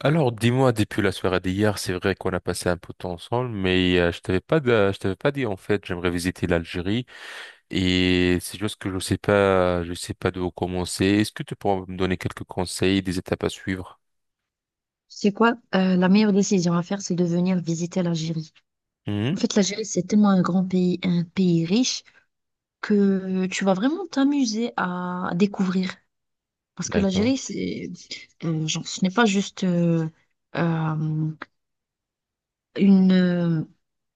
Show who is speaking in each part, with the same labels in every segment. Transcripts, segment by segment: Speaker 1: Alors, dis-moi, depuis la soirée d'hier, c'est vrai qu'on a passé un peu de temps ensemble, mais je t'avais pas dit en fait, j'aimerais visiter l'Algérie et c'est juste que je sais pas d'où commencer. Est-ce que tu pourras me donner quelques conseils, des étapes à suivre?
Speaker 2: C'est quoi? La meilleure décision à faire, c'est de venir visiter l'Algérie. En
Speaker 1: Mhm.
Speaker 2: fait, l'Algérie, c'est tellement un grand pays, un pays riche, que tu vas vraiment t'amuser à découvrir. Parce que
Speaker 1: D'accord.
Speaker 2: genre, ce n'est pas juste euh, une... euh,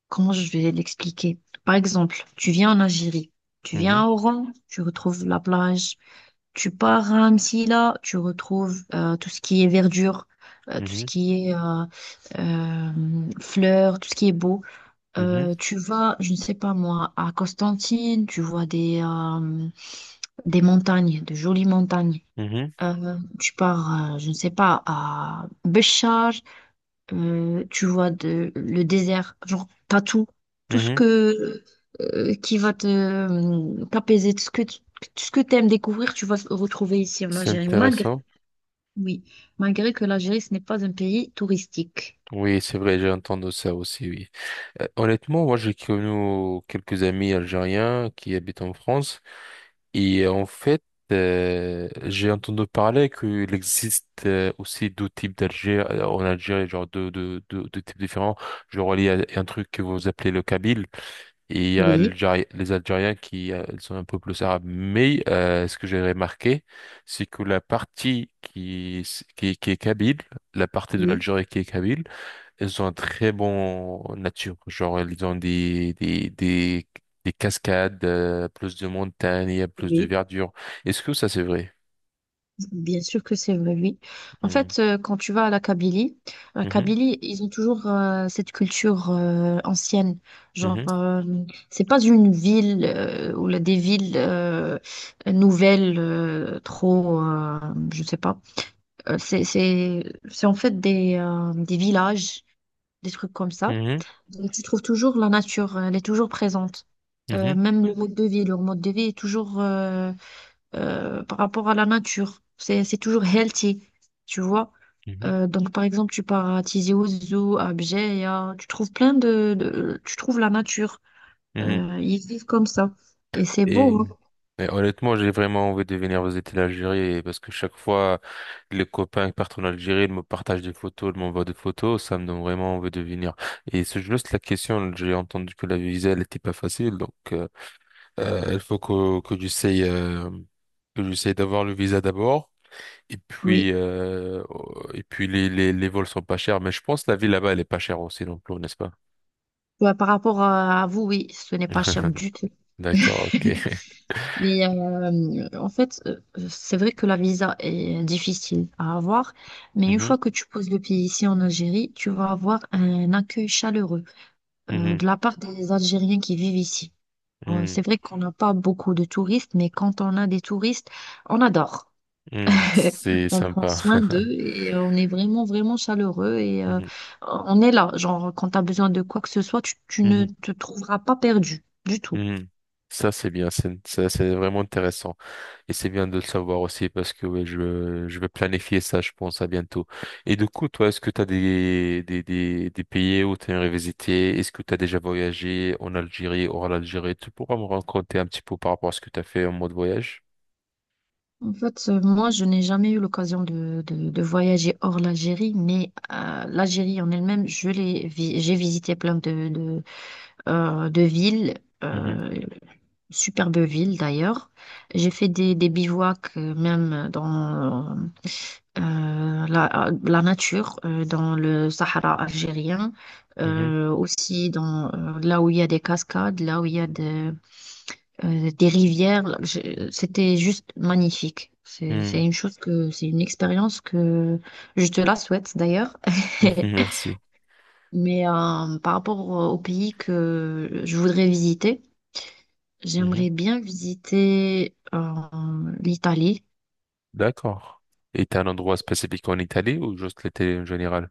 Speaker 2: comment je vais l'expliquer? Par exemple, tu viens en Algérie, tu viens
Speaker 1: Mhm,
Speaker 2: à Oran, tu retrouves la plage. Tu pars à Amsila, tu retrouves tout ce qui est verdure, tout ce
Speaker 1: mhm,
Speaker 2: qui est euh, fleurs, tout ce qui est beau.
Speaker 1: mhm,
Speaker 2: Tu vas, je ne sais pas moi, à Constantine, tu vois des montagnes, de jolies montagnes.
Speaker 1: mhm,
Speaker 2: Tu pars, je ne sais pas, à Béchar, tu vois, de, le désert, genre, t'as tout, tout ce
Speaker 1: mhm.
Speaker 2: que, qui va te, t'apaiser, tout ce que t'aimes découvrir, tu vas se retrouver ici en
Speaker 1: C'est
Speaker 2: Algérie, malgré,
Speaker 1: intéressant.
Speaker 2: oui, malgré que l'Algérie, ce n'est pas un pays touristique.
Speaker 1: Oui, c'est vrai, j'ai entendu ça aussi, oui. Honnêtement, moi, j'ai connu quelques amis algériens qui habitent en France. Et en fait, j'ai entendu parler qu'il existe aussi deux types d'Algérie en Algérie, genre deux types différents. Genre, il y a un truc que vous appelez le Kabyle et il y a
Speaker 2: Oui,
Speaker 1: les Algériens qui sont un peu plus arabes. Mais ce que j'ai remarqué, c'est que la partie qui est Kabyle, la partie de
Speaker 2: oui,
Speaker 1: l'Algérie qui est Kabyle, ils ont un très bon nature, genre ils ont des cascades, plus de montagnes, il y a plus de
Speaker 2: oui.
Speaker 1: verdure. Est-ce que ça c'est vrai?
Speaker 2: Bien sûr que c'est vrai, oui. En
Speaker 1: Hmm.
Speaker 2: fait, quand tu vas à la
Speaker 1: Mhm.
Speaker 2: Kabylie, ils ont toujours cette culture ancienne. Genre,
Speaker 1: Mhm.
Speaker 2: euh, c'est pas une ville ou là, des villes nouvelles, je sais pas. Euh, c'est, c'est, c'est en fait des villages, des trucs comme ça. Donc, tu trouves toujours la nature, elle est toujours présente.
Speaker 1: Mhm.
Speaker 2: Même le mode de vie, leur mode de vie est toujours par rapport à la nature. C'est toujours healthy, tu vois.
Speaker 1: Mhm. Mhm.
Speaker 2: Donc, par exemple, tu pars à Tizi Ouzou, à Bjeya, tu trouves Tu trouves la nature.
Speaker 1: Mhm.
Speaker 2: Ils vivent comme ça. Et c'est
Speaker 1: Et,
Speaker 2: beau, hein.
Speaker 1: et honnêtement, j'ai vraiment envie de venir visiter l'Algérie parce que chaque fois les copains qui partent en Algérie, ils me partagent des photos, ils m'envoient des photos, ça me donne vraiment envie de venir. Et c'est juste la question, j'ai entendu que la visa elle était pas facile, donc. Il faut que j'essaye d'avoir le visa d'abord. Et
Speaker 2: Oui.
Speaker 1: puis, euh, et puis les vols sont pas chers, mais je pense que la vie là-bas, elle est pas chère aussi non plus, n'est-ce pas?
Speaker 2: Bah, par rapport à vous, oui, ce n'est pas cher du tout.
Speaker 1: D'accord, ok.
Speaker 2: Mais c'est vrai que la visa est difficile à avoir, mais une
Speaker 1: Mhm,
Speaker 2: fois que tu poses le pied ici en Algérie, tu vas avoir un accueil chaleureux de
Speaker 1: mhm,
Speaker 2: la part des Algériens qui vivent ici.
Speaker 1: mhm,
Speaker 2: C'est vrai qu'on n'a pas beaucoup de touristes, mais quand on a des touristes, on adore.
Speaker 1: mhm. C'est
Speaker 2: On prend
Speaker 1: sympa.
Speaker 2: soin d'eux et on est vraiment, vraiment chaleureux et
Speaker 1: Mhm,
Speaker 2: on est là. Genre, quand tu as besoin de quoi que ce soit, tu ne
Speaker 1: mhm,
Speaker 2: te trouveras pas perdu du tout.
Speaker 1: mhm. Ça, c'est bien, ça, c'est vraiment intéressant. Et c'est bien de le savoir aussi parce que ouais, je vais planifier ça, je pense, à bientôt. Et du coup, toi, est-ce que tu as des pays où tu aimerais visiter? Est-ce que tu as déjà voyagé en Algérie, hors l'Algérie? Tu pourras me raconter un petit peu par rapport à ce que tu as fait en mode voyage?
Speaker 2: En fait, moi, je n'ai jamais eu l'occasion de voyager hors l'Algérie, mais l'Algérie en elle-même, j'ai visité plein de villes.
Speaker 1: Mhm,
Speaker 2: Euh, Superbe ville d'ailleurs. J'ai fait des bivouacs même dans la nature, dans le Sahara algérien,
Speaker 1: mhm,
Speaker 2: aussi dans là où il y a des cascades, là où il y a des rivières. C'était juste magnifique. C'est
Speaker 1: mhm,
Speaker 2: une chose, c'est une expérience que je te la souhaite d'ailleurs.
Speaker 1: mhm, merci.
Speaker 2: Mais par rapport au pays que je voudrais visiter,
Speaker 1: Mhm,
Speaker 2: j'aimerais bien visiter l'Italie.
Speaker 1: d'accord. Et t'as un endroit spécifique en Italie ou juste l'Italie en général?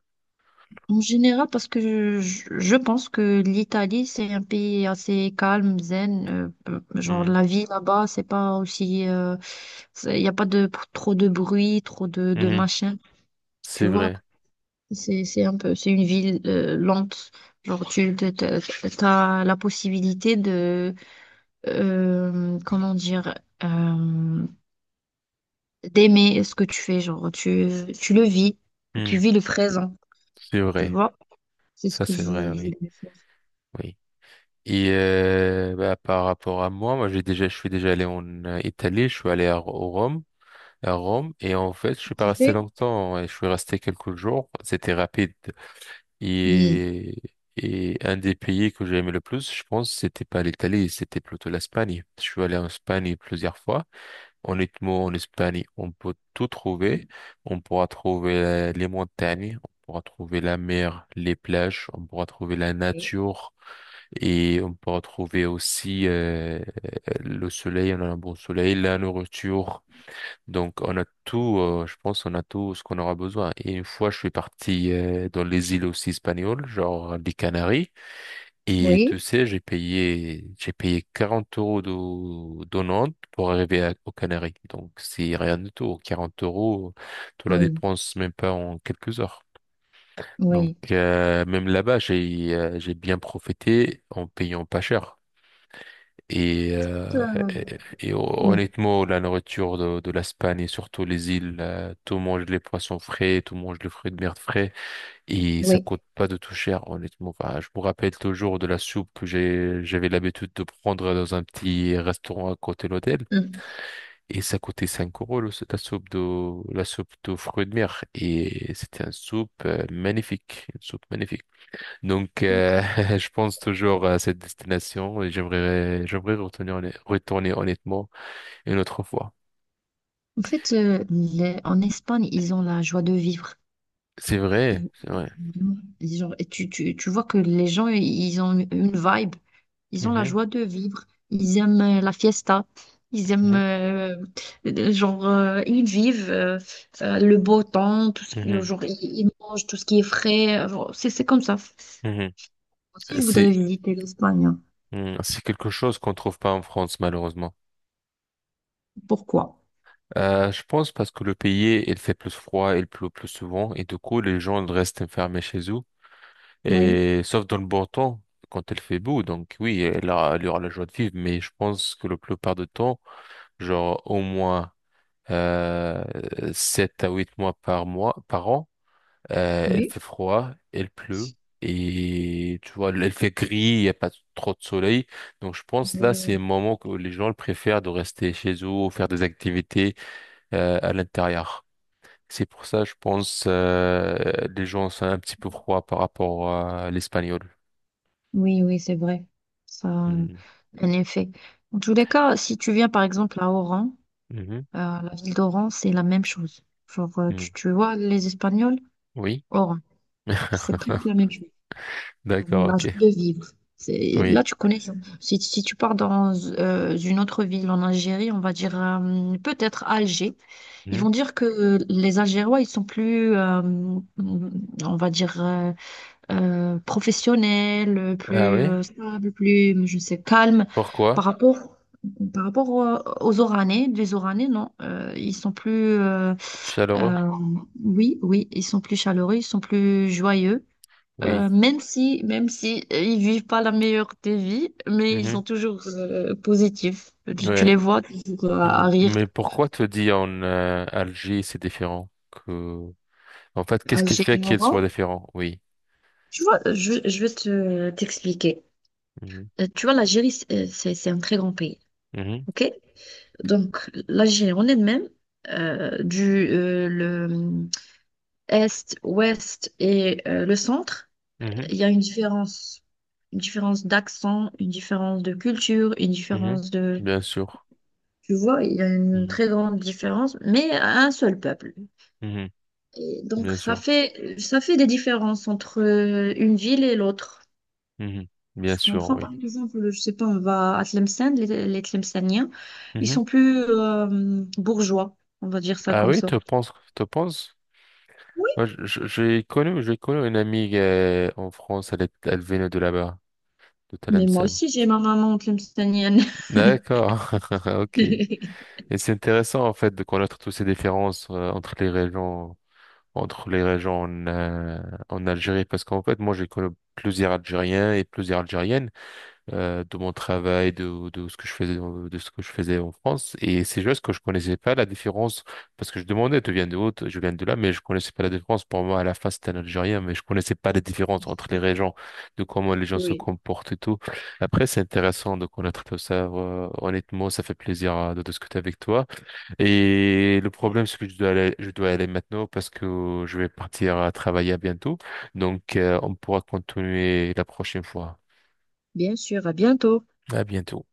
Speaker 2: En général, parce que je pense que l'Italie, c'est un pays assez calme, zen. Genre,
Speaker 1: Mhm,
Speaker 2: la vie là-bas, c'est pas aussi. Il n'y a pas de, trop de bruit, trop de
Speaker 1: mhm,
Speaker 2: machin. Tu
Speaker 1: c'est
Speaker 2: vois,
Speaker 1: vrai.
Speaker 2: c'est un peu, c'est une ville lente. Genre, tu as la possibilité de. Comment dire. euh, D'aimer ce que tu fais, genre tu le vis, tu
Speaker 1: Mhm,
Speaker 2: vis le présent,
Speaker 1: c'est
Speaker 2: tu
Speaker 1: vrai.
Speaker 2: vois. C'est ce
Speaker 1: Ça,
Speaker 2: que
Speaker 1: c'est vrai,
Speaker 2: je
Speaker 1: oui.
Speaker 2: voulais faire.
Speaker 1: Oui. Et bah, par rapport à moi, je suis déjà allé en Italie, je suis allé au Rome, à Rome, et en fait je suis pas resté
Speaker 2: Kiffer?
Speaker 1: longtemps, et je suis resté quelques jours. C'était rapide.
Speaker 2: Hmm.
Speaker 1: Et et un des pays que j'ai aimé le plus, je pense, c'était pas l'Italie, c'était plutôt l'Espagne. Je suis allé en Espagne plusieurs fois. Honnêtement, en Espagne, on peut tout trouver. On pourra trouver les montagnes, on pourra trouver la mer, les plages, on pourra trouver la
Speaker 2: Oui.
Speaker 1: nature. Et on peut retrouver aussi le soleil, on a un bon soleil, la nourriture. Donc on a tout, je pense, on a tout ce qu'on aura besoin. Et une fois, je suis parti dans les îles aussi espagnoles, genre les Canaries. Et tu
Speaker 2: Oui,
Speaker 1: sais, j'ai payé 40 euros de Nantes pour arriver aux Canaries. Donc c'est rien du tout. 40 euros, tu la
Speaker 2: oui,
Speaker 1: dépenses même pas en quelques heures. Donc
Speaker 2: oui,
Speaker 1: même là-bas, j'ai bien profité en payant pas cher. Et, euh,
Speaker 2: Euh,
Speaker 1: et, et
Speaker 2: oui,
Speaker 1: honnêtement, la nourriture de l'Espagne et surtout les îles, tout mange les poissons frais, tout mange les fruits de mer frais et ça
Speaker 2: oui.
Speaker 1: coûte pas de tout cher, honnêtement. Enfin, je me rappelle toujours de la soupe j'avais l'habitude de prendre dans un petit restaurant à côté de l'hôtel
Speaker 2: Hmm.
Speaker 1: et ça coûtait 5 euros la soupe la soupe de fruits de mer et c'était une soupe magnifique, une soupe magnifique. Donc,
Speaker 2: donc,
Speaker 1: je pense toujours à cette destination et j'aimerais retourner, retourner honnêtement une autre fois.
Speaker 2: En fait, en Espagne, ils ont la joie de vivre.
Speaker 1: C'est vrai, c'est vrai.
Speaker 2: Genre et tu vois que les gens, ils ont une vibe, ils ont la
Speaker 1: Mhm,
Speaker 2: joie de vivre, ils aiment la fiesta, ils aiment,
Speaker 1: mhm,
Speaker 2: ils vivent le beau temps,
Speaker 1: mhm,
Speaker 2: genre, ils mangent tout ce qui est frais, genre, c'est comme ça.
Speaker 1: mhm.
Speaker 2: Aussi, je voudrais
Speaker 1: C'est,
Speaker 2: visiter l'Espagne, hein.
Speaker 1: mhm, c'est quelque chose qu'on trouve pas en France, malheureusement.
Speaker 2: Pourquoi?
Speaker 1: Je pense parce que le pays, il fait plus froid, il pleut plus souvent et du coup, les gens restent enfermés chez eux.
Speaker 2: Oui,
Speaker 1: Et sauf dans le bon temps, quand il fait beau. Donc oui, là, il y aura la joie de vivre, mais je pense que la plupart du temps, genre au moins euh, 7 à 8 mois par mois, par an. Elle
Speaker 2: oui,
Speaker 1: fait froid, elle pleut. Et tu vois, elle fait gris, il n'y a pas trop de soleil. Donc je pense là,
Speaker 2: oui,
Speaker 1: c'est un moment où les gens le préfèrent de rester chez eux ou faire des activités à l'intérieur. C'est pour ça, je pense, les gens sont un petit peu froids par rapport à l'espagnol.
Speaker 2: oui, oui, c'est vrai. Ça a
Speaker 1: Hmm.
Speaker 2: un effet. En tous les cas, si tu viens par exemple à Oran,
Speaker 1: Mhm.
Speaker 2: La ville d'Oran, c'est la même chose. Genre, euh,
Speaker 1: Hmm.
Speaker 2: tu, tu vois, les Espagnols,
Speaker 1: Oui.
Speaker 2: Oran, c'est presque la même chose. Genre,
Speaker 1: D'accord,
Speaker 2: la
Speaker 1: ok.
Speaker 2: joie de vivre. Là,
Speaker 1: Oui.
Speaker 2: tu connais. Si, si tu pars dans une autre ville en Algérie, on va dire peut-être Alger, ils
Speaker 1: Mhm.
Speaker 2: vont dire que les Algérois, ils sont plus, on va dire, professionnels,
Speaker 1: Ah
Speaker 2: plus
Speaker 1: oui?
Speaker 2: euh, stables, plus, je sais, calmes
Speaker 1: Pourquoi?
Speaker 2: par rapport. Par rapport aux Oranais, les Oranais, non, ils sont plus, euh,
Speaker 1: Chaleureux?
Speaker 2: euh, oui, oui, ils sont plus chaleureux, ils sont plus joyeux.
Speaker 1: Oui.
Speaker 2: Même si, même si ils vivent pas la meilleure des vies, mais ils sont
Speaker 1: Mhm.
Speaker 2: toujours positifs. Tu les
Speaker 1: Ouais.
Speaker 2: vois toujours à
Speaker 1: Mm.
Speaker 2: rire,
Speaker 1: Mais pourquoi te dire en Alger c'est différent que... En fait,
Speaker 2: à
Speaker 1: qu'est-ce qui fait qu'il soit
Speaker 2: Moran.
Speaker 1: différent? Oui.
Speaker 2: Tu vois, je vais te t'expliquer.
Speaker 1: Mhm.
Speaker 2: Tu vois, l'Algérie, c'est un très grand pays,
Speaker 1: Mhm.
Speaker 2: ok? Donc, l'Algérie en elle-même, du le est, ouest et le centre.
Speaker 1: Mhm.
Speaker 2: Il y a une différence d'accent, une différence de culture, une
Speaker 1: Mhm.
Speaker 2: différence de...
Speaker 1: Bien sûr.
Speaker 2: Tu vois, il y a une
Speaker 1: Mhm.
Speaker 2: très grande différence, mais à un seul peuple.
Speaker 1: Mhm.
Speaker 2: Et donc,
Speaker 1: Bien sûr.
Speaker 2: ça fait des différences entre une ville et l'autre.
Speaker 1: Mhm.
Speaker 2: Je
Speaker 1: Bien sûr,
Speaker 2: comprends,
Speaker 1: oui.
Speaker 2: par exemple, je sais pas, on va à Tlemcen, les Tlemceniens, ils
Speaker 1: Mhm.
Speaker 2: sont plus bourgeois, on va dire ça
Speaker 1: Ah
Speaker 2: comme
Speaker 1: oui,
Speaker 2: ça.
Speaker 1: tu penses, tu penses?
Speaker 2: Oui,
Speaker 1: Moi, j'ai connu une amie en France, elle venait de là-bas, de
Speaker 2: mais moi
Speaker 1: Tlemcen.
Speaker 2: aussi, j'ai ma maman tlemcenienne.
Speaker 1: D'accord, ok. Et c'est intéressant en fait de connaître toutes ces différences entre les régions. Entre les régions en, en Algérie parce qu'en fait moi j'ai connu plusieurs Algériens et plusieurs Algériennes de mon travail de ce que je faisais de ce que je faisais en France et c'est juste que je connaissais pas la différence parce que je demandais tu viens de où je viens de là mais je connaissais pas la différence pour moi à la face c'était un Algérien mais je connaissais pas la différence entre les régions de comment les gens se
Speaker 2: Oui,
Speaker 1: comportent et tout après c'est intéressant de connaître tout ça honnêtement ça fait plaisir de discuter avec toi et le problème, c'est que je dois aller maintenant parce que je vais partir à travailler à bientôt. Donc, on pourra continuer la prochaine fois.
Speaker 2: bien sûr, à bientôt.
Speaker 1: À bientôt.